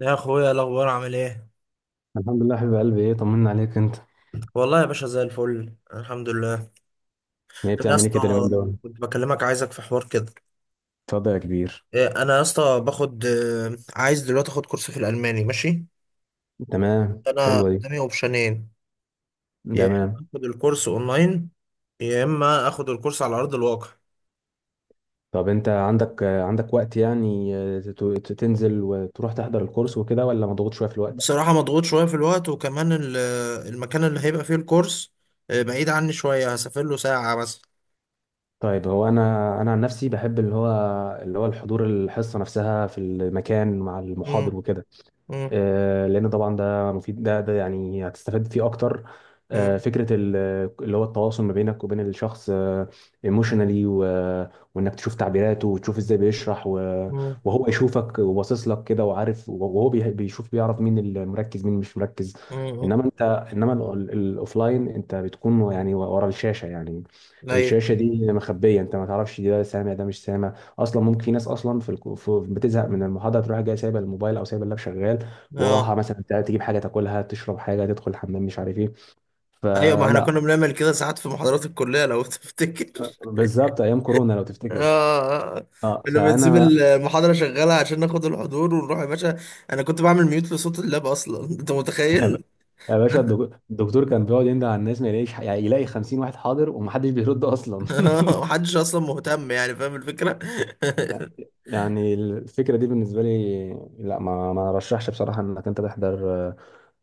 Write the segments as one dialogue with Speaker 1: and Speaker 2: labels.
Speaker 1: يا اخويا، إيه الاخبار؟ عامل ايه؟
Speaker 2: الحمد لله حبيب قلبي، ايه طمنا عليك انت؟
Speaker 1: والله يا باشا، زي الفل، الحمد لله.
Speaker 2: ايه
Speaker 1: انا يا
Speaker 2: بتعمل ايه
Speaker 1: اسطى
Speaker 2: كده اليومين دول؟
Speaker 1: كنت بكلمك، عايزك في حوار كده.
Speaker 2: اتفضل يا كبير.
Speaker 1: انا يا اسطى باخد عايز دلوقتي اخد كورس في الالماني، ماشي.
Speaker 2: تمام،
Speaker 1: انا
Speaker 2: حلوه دي.
Speaker 1: قدامي اوبشنين: يا اما
Speaker 2: تمام،
Speaker 1: اخد الكورس اونلاين، يا اما اخد الكورس على ارض الواقع.
Speaker 2: طب انت عندك عندك وقت يعني تنزل وتروح تحضر الكورس وكده، ولا مضغوط شويه في الوقت؟
Speaker 1: بصراحه مضغوط شويه في الوقت، وكمان المكان اللي هيبقى فيه الكورس بعيد عني شويه، هسافر له ساعه مثلا.
Speaker 2: طيب هو انا عن نفسي بحب اللي هو اللي هو الحضور، الحصه نفسها في المكان مع المحاضر
Speaker 1: امم،
Speaker 2: وكده.
Speaker 1: امم،
Speaker 2: لان طبعا ده مفيد، ده يعني هتستفاد فيه اكتر.
Speaker 1: امم،
Speaker 2: فكره اللي هو التواصل ما بينك وبين الشخص، ايموشنالي، وانك تشوف تعبيراته وتشوف ازاي بيشرح
Speaker 1: امم،
Speaker 2: وهو يشوفك وباصص لك كده وعارف، وهو بيشوف بيعرف مين المركز مين مش مركز.
Speaker 1: امم،
Speaker 2: انما انت انما ال- ال- الاوفلاين انت بتكون يعني ورا الشاشه يعني.
Speaker 1: ايوه،
Speaker 2: الشاشه دي مخبيه، انت ما تعرفش ده سامع ده مش سامع، اصلا ممكن في ناس اصلا بتزهق من المحاضره، تروح جايه سايبه الموبايل او سايبه اللاب شغال وراها،
Speaker 1: اه،
Speaker 2: مثلا تجيب حاجه تاكلها، تشرب حاجه، تدخل الحمام، مش عارف ايه.
Speaker 1: ايوه. ما احنا
Speaker 2: فلا.
Speaker 1: كنا بنعمل كده ساعات في محاضرات الكليه لو تفتكر.
Speaker 2: بالظبط ايام كورونا لو تفتكر.
Speaker 1: اه، آه.
Speaker 2: اه
Speaker 1: كنا بنسيب
Speaker 2: فانا.
Speaker 1: المحاضره شغاله عشان ناخد الحضور ونروح يا باشا. انا كنت بعمل ميوت لصوت اللاب اصلا، انت متخيل؟
Speaker 2: يا باشا، الدكتور كان بيقعد يندى على الناس ما يلاقيش، يعني يلاقي 50 واحد حاضر ومحدش بيرد اصلا.
Speaker 1: محدش اصلا مهتم، يعني فاهم الفكره.
Speaker 2: يعني الفكره دي بالنسبه لي، لا، ما رشحش بصراحه انك انت تحضر آه،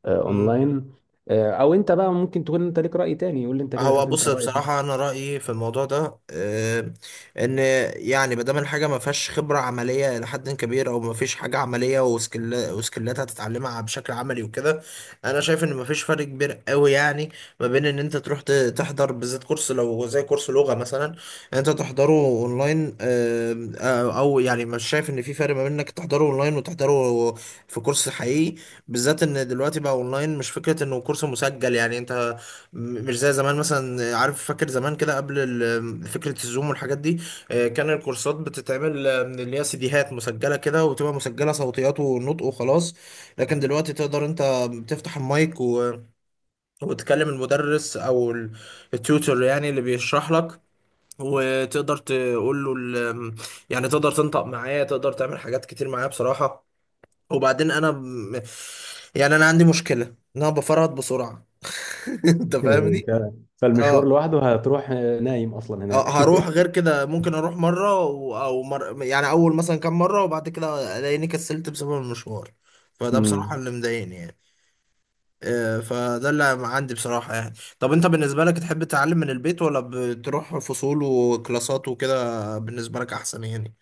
Speaker 2: آه،
Speaker 1: مم.
Speaker 2: اونلاين. او انت بقى ممكن تكون انت ليك راي تاني، يقول لي انت كده،
Speaker 1: هو
Speaker 2: شوف انت
Speaker 1: بص،
Speaker 2: رايك.
Speaker 1: بصراحة أنا رأيي في الموضوع ده إن يعني ما دام الحاجة ما فيهاش خبرة عملية إلى حد كبير، أو ما فيش حاجة عملية وسكيل وسكيلات هتتعلمها بشكل عملي وكده، أنا شايف إن ما فيش فرق كبير قوي يعني، ما بين إن أنت تروح تحضر، بالذات كورس لو زي كورس لغة مثلا أنت تحضره أونلاين. أو يعني مش شايف إن في فرق ما بين إنك تحضره أونلاين وتحضره في كورس حقيقي، بالذات إن دلوقتي بقى أونلاين مش فكرة إنه كورس مسجل يعني أنت مش زي زمان مثلا. عارف، فاكر زمان كده قبل فكرة الزوم والحاجات دي، كان الكورسات بتتعمل من اللي هي سيديهات مسجلة كده، وتبقى مسجلة صوتيات ونطق وخلاص. لكن دلوقتي تقدر انت بتفتح المايك و... وتكلم المدرس او التيوتور يعني اللي بيشرح لك، وتقدر تقول له ال... يعني تقدر تنطق معاه، تقدر تعمل حاجات كتير معاه بصراحة. وبعدين انا يعني انا عندي مشكلة ان انا بفرط بسرعة. انت
Speaker 2: إيه.
Speaker 1: فاهمني؟
Speaker 2: فعلاً. فالمشوار
Speaker 1: اه.
Speaker 2: لوحده هتروح نايم اصلا
Speaker 1: اه،
Speaker 2: هناك.
Speaker 1: هروح غير كده ممكن اروح مره او يعني اول مثلا كام مره، وبعد كده الاقيني كسلت بسبب المشوار. فده بصراحه
Speaker 2: امم.
Speaker 1: اللي مضايقني يعني. فده اللي عندي بصراحه يعني. طب انت بالنسبه لك تحب تتعلم من البيت، ولا بتروح فصول وكلاسات وكده بالنسبه لك احسن يعني؟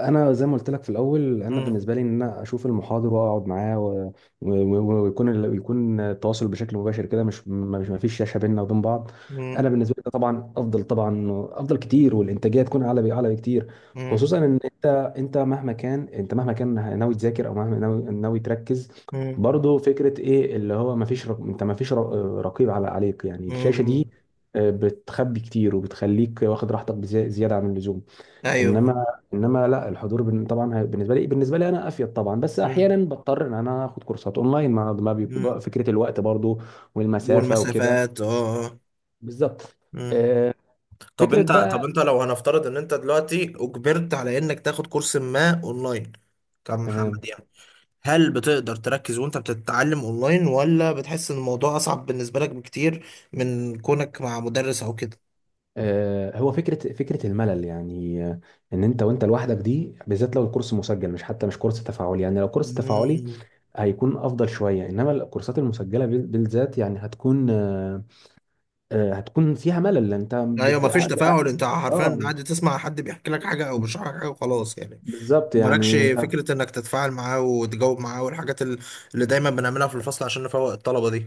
Speaker 2: انا زي ما قلت لك في الاول، انا
Speaker 1: مم.
Speaker 2: بالنسبه لي ان انا اشوف المحاضر واقعد معاه و- ويكون يكون التواصل بشكل مباشر كده، مش ما فيش شاشه بيننا وبين بعض.
Speaker 1: مم.
Speaker 2: انا بالنسبه لي ده طبعا افضل، طبعا افضل كتير، والانتاجيه تكون اعلى، اعلى بكتير.
Speaker 1: مم.
Speaker 2: خصوصا ان انت مهما كان، انت مهما كان ناوي تذاكر او مهما ناوي تركز،
Speaker 1: مم.
Speaker 2: برضه فكره ايه اللي هو ما فيش رق... انت ما فيش رق- رقيب على عليك، يعني الشاشه دي
Speaker 1: مم.
Speaker 2: بتخبي كتير وبتخليك واخد راحتك زياده عن اللزوم.
Speaker 1: ايوه.
Speaker 2: انما انما لا، الحضور بالنسبه لي، بالنسبه لي انا افيد طبعا، بس
Speaker 1: مم.
Speaker 2: احيانا بضطر ان انا اخد كورسات اونلاين، ما بيكون
Speaker 1: مم.
Speaker 2: فكره الوقت برضو والمسافه وكده.
Speaker 1: والمسافات، اه، آه.
Speaker 2: بالظبط.
Speaker 1: مم.
Speaker 2: آه،
Speaker 1: طب
Speaker 2: فكره
Speaker 1: انت طب
Speaker 2: بقى
Speaker 1: انت لو هنفترض ان انت دلوقتي اجبرت على انك تاخد كورس ما اونلاين، كمحمد
Speaker 2: تمام.
Speaker 1: يعني، هل بتقدر تركز وانت بتتعلم اونلاين، ولا بتحس ان الموضوع اصعب بالنسبة لك بكتير من كونك مع مدرس او كده؟
Speaker 2: هو فكره الملل يعني، ان انت وانت لوحدك، دي بالذات لو الكورس مسجل، مش حتى مش كورس تفاعلي، يعني لو كورس تفاعلي
Speaker 1: مم.
Speaker 2: هيكون افضل شويه، انما الكورسات المسجله بالذات يعني هتكون هتكون فيها ملل، انت
Speaker 1: ايوه،
Speaker 2: بت...
Speaker 1: مفيش تفاعل، انت حرفيا
Speaker 2: اه
Speaker 1: قاعد تسمع حد بيحكي لك حاجة او بيشرح لك حاجة وخلاص يعني.
Speaker 2: بالظبط
Speaker 1: مالكش
Speaker 2: يعني انت.
Speaker 1: فكرة انك تتفاعل معاه وتجاوب معاه، والحاجات اللي دايما بنعملها في الفصل عشان نفوق الطلبة دي.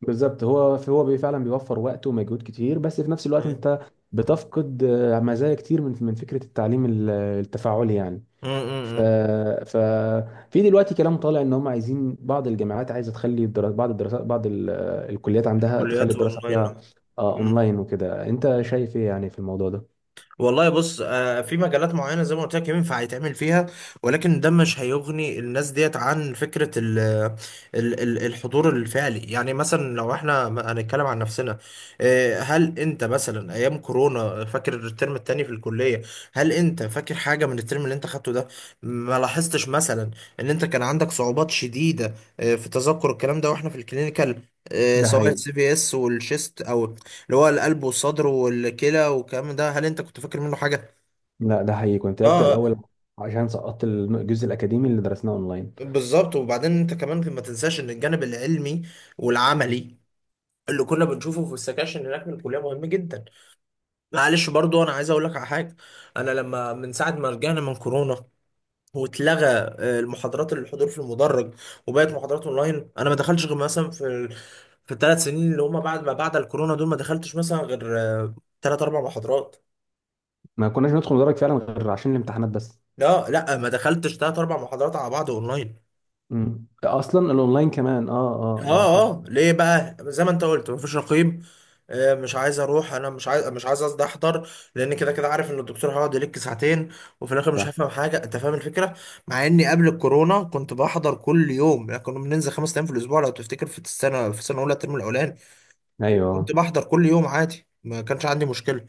Speaker 2: بالظبط، فعلا بيوفر وقت ومجهود كتير، بس في نفس الوقت
Speaker 1: مم.
Speaker 2: انت بتفقد مزايا كتير من فكره التعليم التفاعلي يعني.
Speaker 1: مم.
Speaker 2: ف
Speaker 1: مم.
Speaker 2: ف في دلوقتي كلام طالع ان هم عايزين، بعض الجامعات عايزه تخلي بعض الدراسات، بعض الكليات عندها تخلي
Speaker 1: الكليات
Speaker 2: الدراسه فيها
Speaker 1: اونلاين. مم.
Speaker 2: اونلاين وكده. انت
Speaker 1: مم.
Speaker 2: شايف ايه يعني في الموضوع ده؟
Speaker 1: والله بص، في مجالات معينة زي ما قلت لك ينفع يتعمل فيها، ولكن ده مش هيغني الناس ديت عن فكرة ال ال ال الحضور الفعلي. يعني مثلا لو احنا هنتكلم عن نفسنا، هل انت مثلا ايام كورونا فاكر الترم التاني في الكلية؟ هل انت فاكر حاجة من الترم اللي انت خدته ده؟ ما لاحظتش مثلا ان انت كان عندك صعوبات شديدة في تذكر الكلام ده واحنا في الكلينيكال،
Speaker 2: ده
Speaker 1: سواء
Speaker 2: حقيقي.
Speaker 1: السي في اس والشيست، او اللي هو القلب والصدر والكلى والكلام ده، هل انت كنت فاكر منه حاجة؟
Speaker 2: لا ده حقيقي، كنت ابدا
Speaker 1: اه.
Speaker 2: الاول، عشان سقطت الجزء الاكاديمي اللي درسناه اونلاين.
Speaker 1: بالظبط. وبعدين انت كمان ما تنساش ان الجانب العلمي والعملي اللي كنا بنشوفه في السكاشن هناك من الكليه مهم جدا. معلش برضو انا عايز اقول لك على حاجه. انا لما من ساعه ما رجعنا من كورونا، واتلغى المحاضرات اللي الحضور في المدرج وبقت محاضرات اونلاين، انا ما دخلتش غير مثلا في في الثلاث سنين اللي هم بعد الكورونا دول، ما دخلتش مثلا غير 3 أو 4 محاضرات.
Speaker 2: ما كناش ندخل ندرج فعلا غير عشان الامتحانات بس.
Speaker 1: لا لا، ما دخلتش 3 أو 4 محاضرات على بعض اونلاين.
Speaker 2: مم. ده اصلا الاونلاين كمان اه اه اه.
Speaker 1: اه.
Speaker 2: صح.
Speaker 1: اه، ليه بقى؟ زي ما انت قلت، مفيش رقيب. مش عايز اروح، انا مش عايز، قصدي احضر، لان كده كده عارف ان الدكتور هيقعد يلك ساعتين، وفي الاخر مش
Speaker 2: صح.
Speaker 1: هفهم حاجه. انت فاهم الفكره؟ مع اني قبل الكورونا كنت بحضر كل يوم، يعني كنا بننزل 5 ايام في الاسبوع لو تفتكر، في السنه، في السنه الاولى الترم الاولاني كنت
Speaker 2: ايوه.
Speaker 1: بحضر كل يوم عادي، ما كانش عندي مشكله.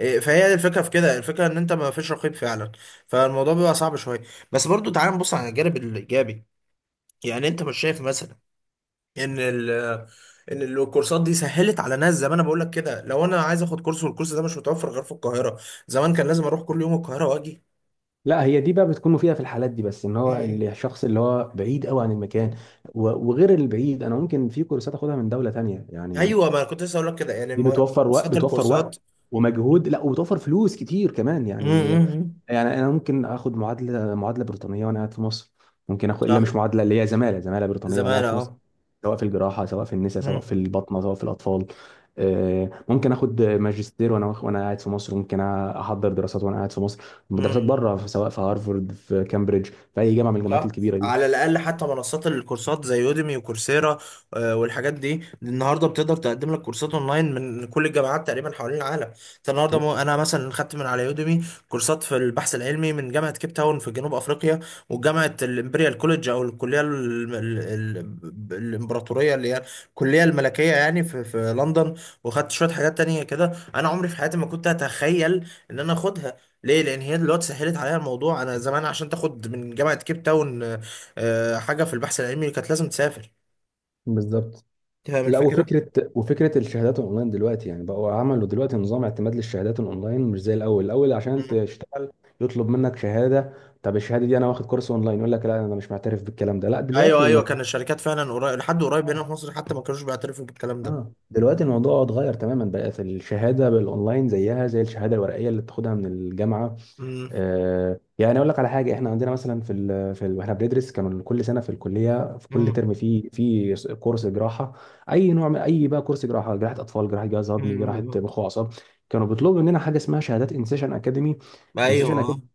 Speaker 1: فهي دي الفكره في كده، الفكره ان انت ما فيش رقيب فعلا، فالموضوع بيبقى صعب شويه. بس برضو تعال نبص على الجانب الايجابي، يعني انت مش شايف مثلا ان ان الكورسات دي سهلت على ناس؟ زي ما انا بقول لك كده، لو انا عايز اخد كورس والكورس ده مش متوفر غير في القاهره، زمان كان لازم اروح كل يوم القاهره واجي.
Speaker 2: لا هي دي بقى بتكون مفيده في الحالات دي، بس ان هو
Speaker 1: م-
Speaker 2: الشخص اللي هو بعيد قوي عن
Speaker 1: م-
Speaker 2: المكان،
Speaker 1: م.
Speaker 2: وغير البعيد، انا ممكن في كورسات اخدها من دوله تانية يعني.
Speaker 1: ايوه، ما انا كنت لسه اقول لك كده يعني،
Speaker 2: دي بتوفر وقت،
Speaker 1: منصات
Speaker 2: بتوفر
Speaker 1: الكورسات.
Speaker 2: وقت
Speaker 1: م-
Speaker 2: ومجهود، لا وبتوفر فلوس كتير كمان
Speaker 1: م-
Speaker 2: يعني.
Speaker 1: م.
Speaker 2: يعني انا ممكن اخد معادله، معادله بريطانيه وانا قاعد في مصر، ممكن اخد الا
Speaker 1: صح،
Speaker 2: مش معادله، اللي هي زماله، زماله بريطانيه وانا
Speaker 1: زمان،
Speaker 2: قاعد في
Speaker 1: اه.
Speaker 2: مصر، سواء في الجراحه سواء في النساء سواء
Speaker 1: م-
Speaker 2: في البطنه سواء في الاطفال. ممكن اخد ماجستير وانا قاعد في مصر، ممكن احضر دراسات وانا قاعد في مصر، دراسات
Speaker 1: م-
Speaker 2: بره سواء في هارفارد في كامبريدج، في اي جامعه من الجامعات
Speaker 1: صح.
Speaker 2: الكبيره دي.
Speaker 1: على الاقل حتى منصات الكورسات زي يوديمي وكورسيرا، والحاجات دي النهارده بتقدر تقدم لك كورسات اونلاين من كل الجامعات تقريبا حوالين العالم. انت النهارده انا مثلا خدت من على يوديمي كورسات في البحث العلمي من جامعه كيب تاون في جنوب افريقيا، وجامعه الامبريال كوليدج، او الكليه الامبراطوريه اللي هي الكليه الملكيه يعني، في لندن. وخدت شويه حاجات تانية كده انا عمري في حياتي ما كنت اتخيل ان انا اخدها. ليه؟ لان هي دلوقتي سهلت عليها الموضوع. انا زمان عشان تاخد من جامعه كيب تاون حاجه في البحث العلمي كانت لازم تسافر.
Speaker 2: بالظبط.
Speaker 1: فاهم
Speaker 2: لا،
Speaker 1: الفكره.
Speaker 2: وفكره الشهادات الاونلاين دلوقتي، يعني بقوا عملوا دلوقتي نظام اعتماد للشهادات الاونلاين، مش زي الاول. الاول عشان
Speaker 1: مم.
Speaker 2: تشتغل يطلب منك شهاده، طب الشهاده دي انا واخد كورس اونلاين، يقول لك لا انا مش معترف بالكلام ده. لا
Speaker 1: ايوه
Speaker 2: دلوقتي
Speaker 1: ايوه
Speaker 2: الموضوع،
Speaker 1: كان الشركات فعلا قريب، لحد قريب هنا في مصر حتى ما كانوش بيعترفوا بالكلام ده.
Speaker 2: اه دلوقتي الموضوع اتغير تماما، بقت الشهاده بالاونلاين زيها زي الشهاده الورقيه اللي بتاخدها من الجامعه.
Speaker 1: مم.
Speaker 2: آه يعني اقول لك على حاجه، احنا عندنا مثلا في ال في ال واحنا بندرس، كانوا كل سنه في الكليه في كل
Speaker 1: مم.
Speaker 2: ترم في كورس جراحه، اي نوع من اي بقى، كورس جراحه، جراحه اطفال، جراحه جهاز هضمي، جراحه
Speaker 1: مم.
Speaker 2: مخ واعصاب. كانوا بيطلبوا مننا حاجه اسمها شهادات انسيشن اكاديمي. انسيشن اكاديمي
Speaker 1: ايوه.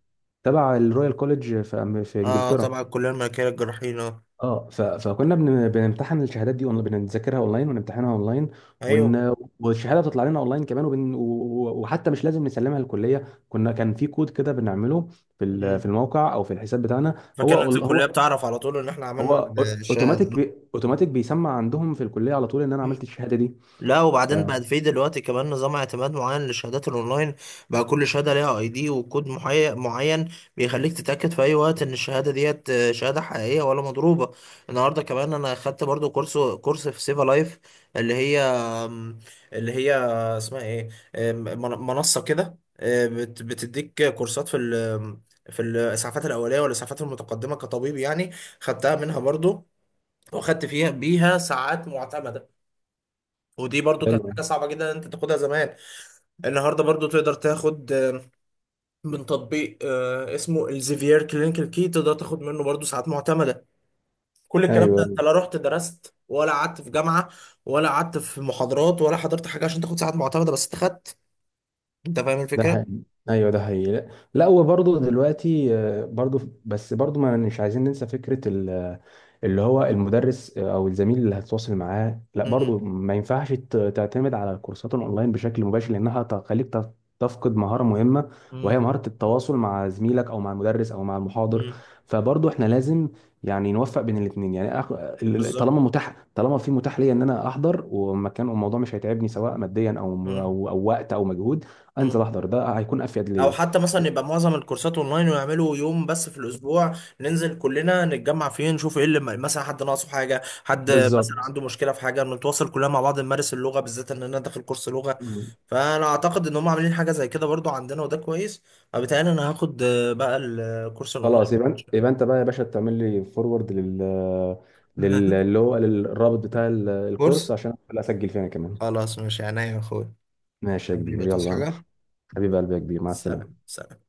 Speaker 2: تبع الرويال كوليج في في
Speaker 1: اه
Speaker 2: انجلترا.
Speaker 1: طبعا، الكليه الملكيه للجراحين، اه.
Speaker 2: اه ف... فكنا بن... بنمتحن الشهادات دي اونلاين، بنذاكرها اونلاين، ونمتحنها اونلاين،
Speaker 1: ايوه.
Speaker 2: ون... والشهاده بتطلع لنا اونلاين كمان، وبن... و... وحتى مش لازم نسلمها للكليه، كنا كان في كود كده بنعمله في ال... في
Speaker 1: مم.
Speaker 2: الموقع او في الحساب بتاعنا، هو
Speaker 1: فكانت الكليه
Speaker 2: هو
Speaker 1: بتعرف على طول ان احنا عملنا
Speaker 2: هو
Speaker 1: الشهاده.
Speaker 2: اوتوماتيك بي... اوتوماتيك بيسمع عندهم في الكليه على طول ان انا عملت الشهاده دي
Speaker 1: لا،
Speaker 2: ف...
Speaker 1: وبعدين بقى في دلوقتي كمان نظام اعتماد معين للشهادات الاونلاين، بقى كل شهاده ليها اي دي وكود معين، بيخليك تتاكد في اي وقت ان الشهاده ديت شهاده حقيقيه ولا مضروبه. النهارده كمان انا خدت برضو كورس، كورس في سيفا لايف، اللي هي اللي هي اسمها ايه؟ آم، من- منصه كده بتديك كورسات في في الاسعافات الاوليه والاسعافات المتقدمه كطبيب يعني. خدتها منها برضو، وخدت فيها بيها ساعات معتمده. ودي برضو كانت
Speaker 2: حلو.
Speaker 1: حاجة صعبة جدا ان انت تاخدها زمان. النهاردة برضو تقدر تاخد من تطبيق اسمه الزيفير كلينيكال كي، تقدر تاخد منه برضو ساعات معتمدة. كل الكلام ده انت
Speaker 2: ايوه
Speaker 1: لا رحت درست ولا قعدت في جامعة، ولا قعدت في محاضرات، ولا حضرت حاجة عشان تاخد ساعات معتمدة، بس انت خدت. انت فاهم
Speaker 2: ده
Speaker 1: الفكرة؟
Speaker 2: حقيقي، ايوه ده حقيقي. لا، لا، وبرضه دلوقتي برضه، بس برضه ما مش عايزين ننسى فكره اللي هو المدرس، او الزميل اللي هتتواصل معاه. لا
Speaker 1: مم.
Speaker 2: برضه ما ينفعش تعتمد على الكورسات الاونلاين بشكل مباشر، لانها تخليك تفقد مهاره مهمه، وهي
Speaker 1: مم.
Speaker 2: مهاره التواصل مع زميلك او مع المدرس او مع المحاضر.
Speaker 1: مم.
Speaker 2: فبرضه احنا لازم يعني نوفق بين الاثنين، يعني
Speaker 1: بالظبط.
Speaker 2: طالما متاح، طالما في متاح ليا ان انا احضر ومكان الموضوع مش هيتعبني، سواء ماديا او
Speaker 1: مم.
Speaker 2: او وقت او مجهود، انزل
Speaker 1: مم.
Speaker 2: احضر، ده هيكون افيد
Speaker 1: او
Speaker 2: ليا.
Speaker 1: حتى مثلا يبقى معظم الكورسات اونلاين ويعملوا يوم بس في الاسبوع ننزل كلنا نتجمع فيه، نشوف ايه اللي مثلا حد ناقصه حاجه، حد مثلا
Speaker 2: بالظبط.
Speaker 1: عنده مشكله في حاجه، نتواصل كلنا مع بعض، نمارس اللغه، بالذات ان انا داخل كورس لغه.
Speaker 2: مم.
Speaker 1: فانا اعتقد ان هم عاملين حاجه زي كده برضو عندنا وده كويس، فبالتالي انا هاخد بقى الكورس الاونلاين.
Speaker 2: خلاص، يبقى انت بقى يا باشا تعمل لي فورورد لل لل- اللي هو للرابط بتاع
Speaker 1: كورس.
Speaker 2: الكورس، عشان أدخل اسجل فيه انا كمان.
Speaker 1: خلاص ماشي عينيا يا اخويا.
Speaker 2: ماشي يا كبير،
Speaker 1: حبيبي تصحى
Speaker 2: يلا.
Speaker 1: حاجه؟
Speaker 2: حبيب قلبي يا كبير، مع
Speaker 1: سلام
Speaker 2: السلامه.
Speaker 1: سلام.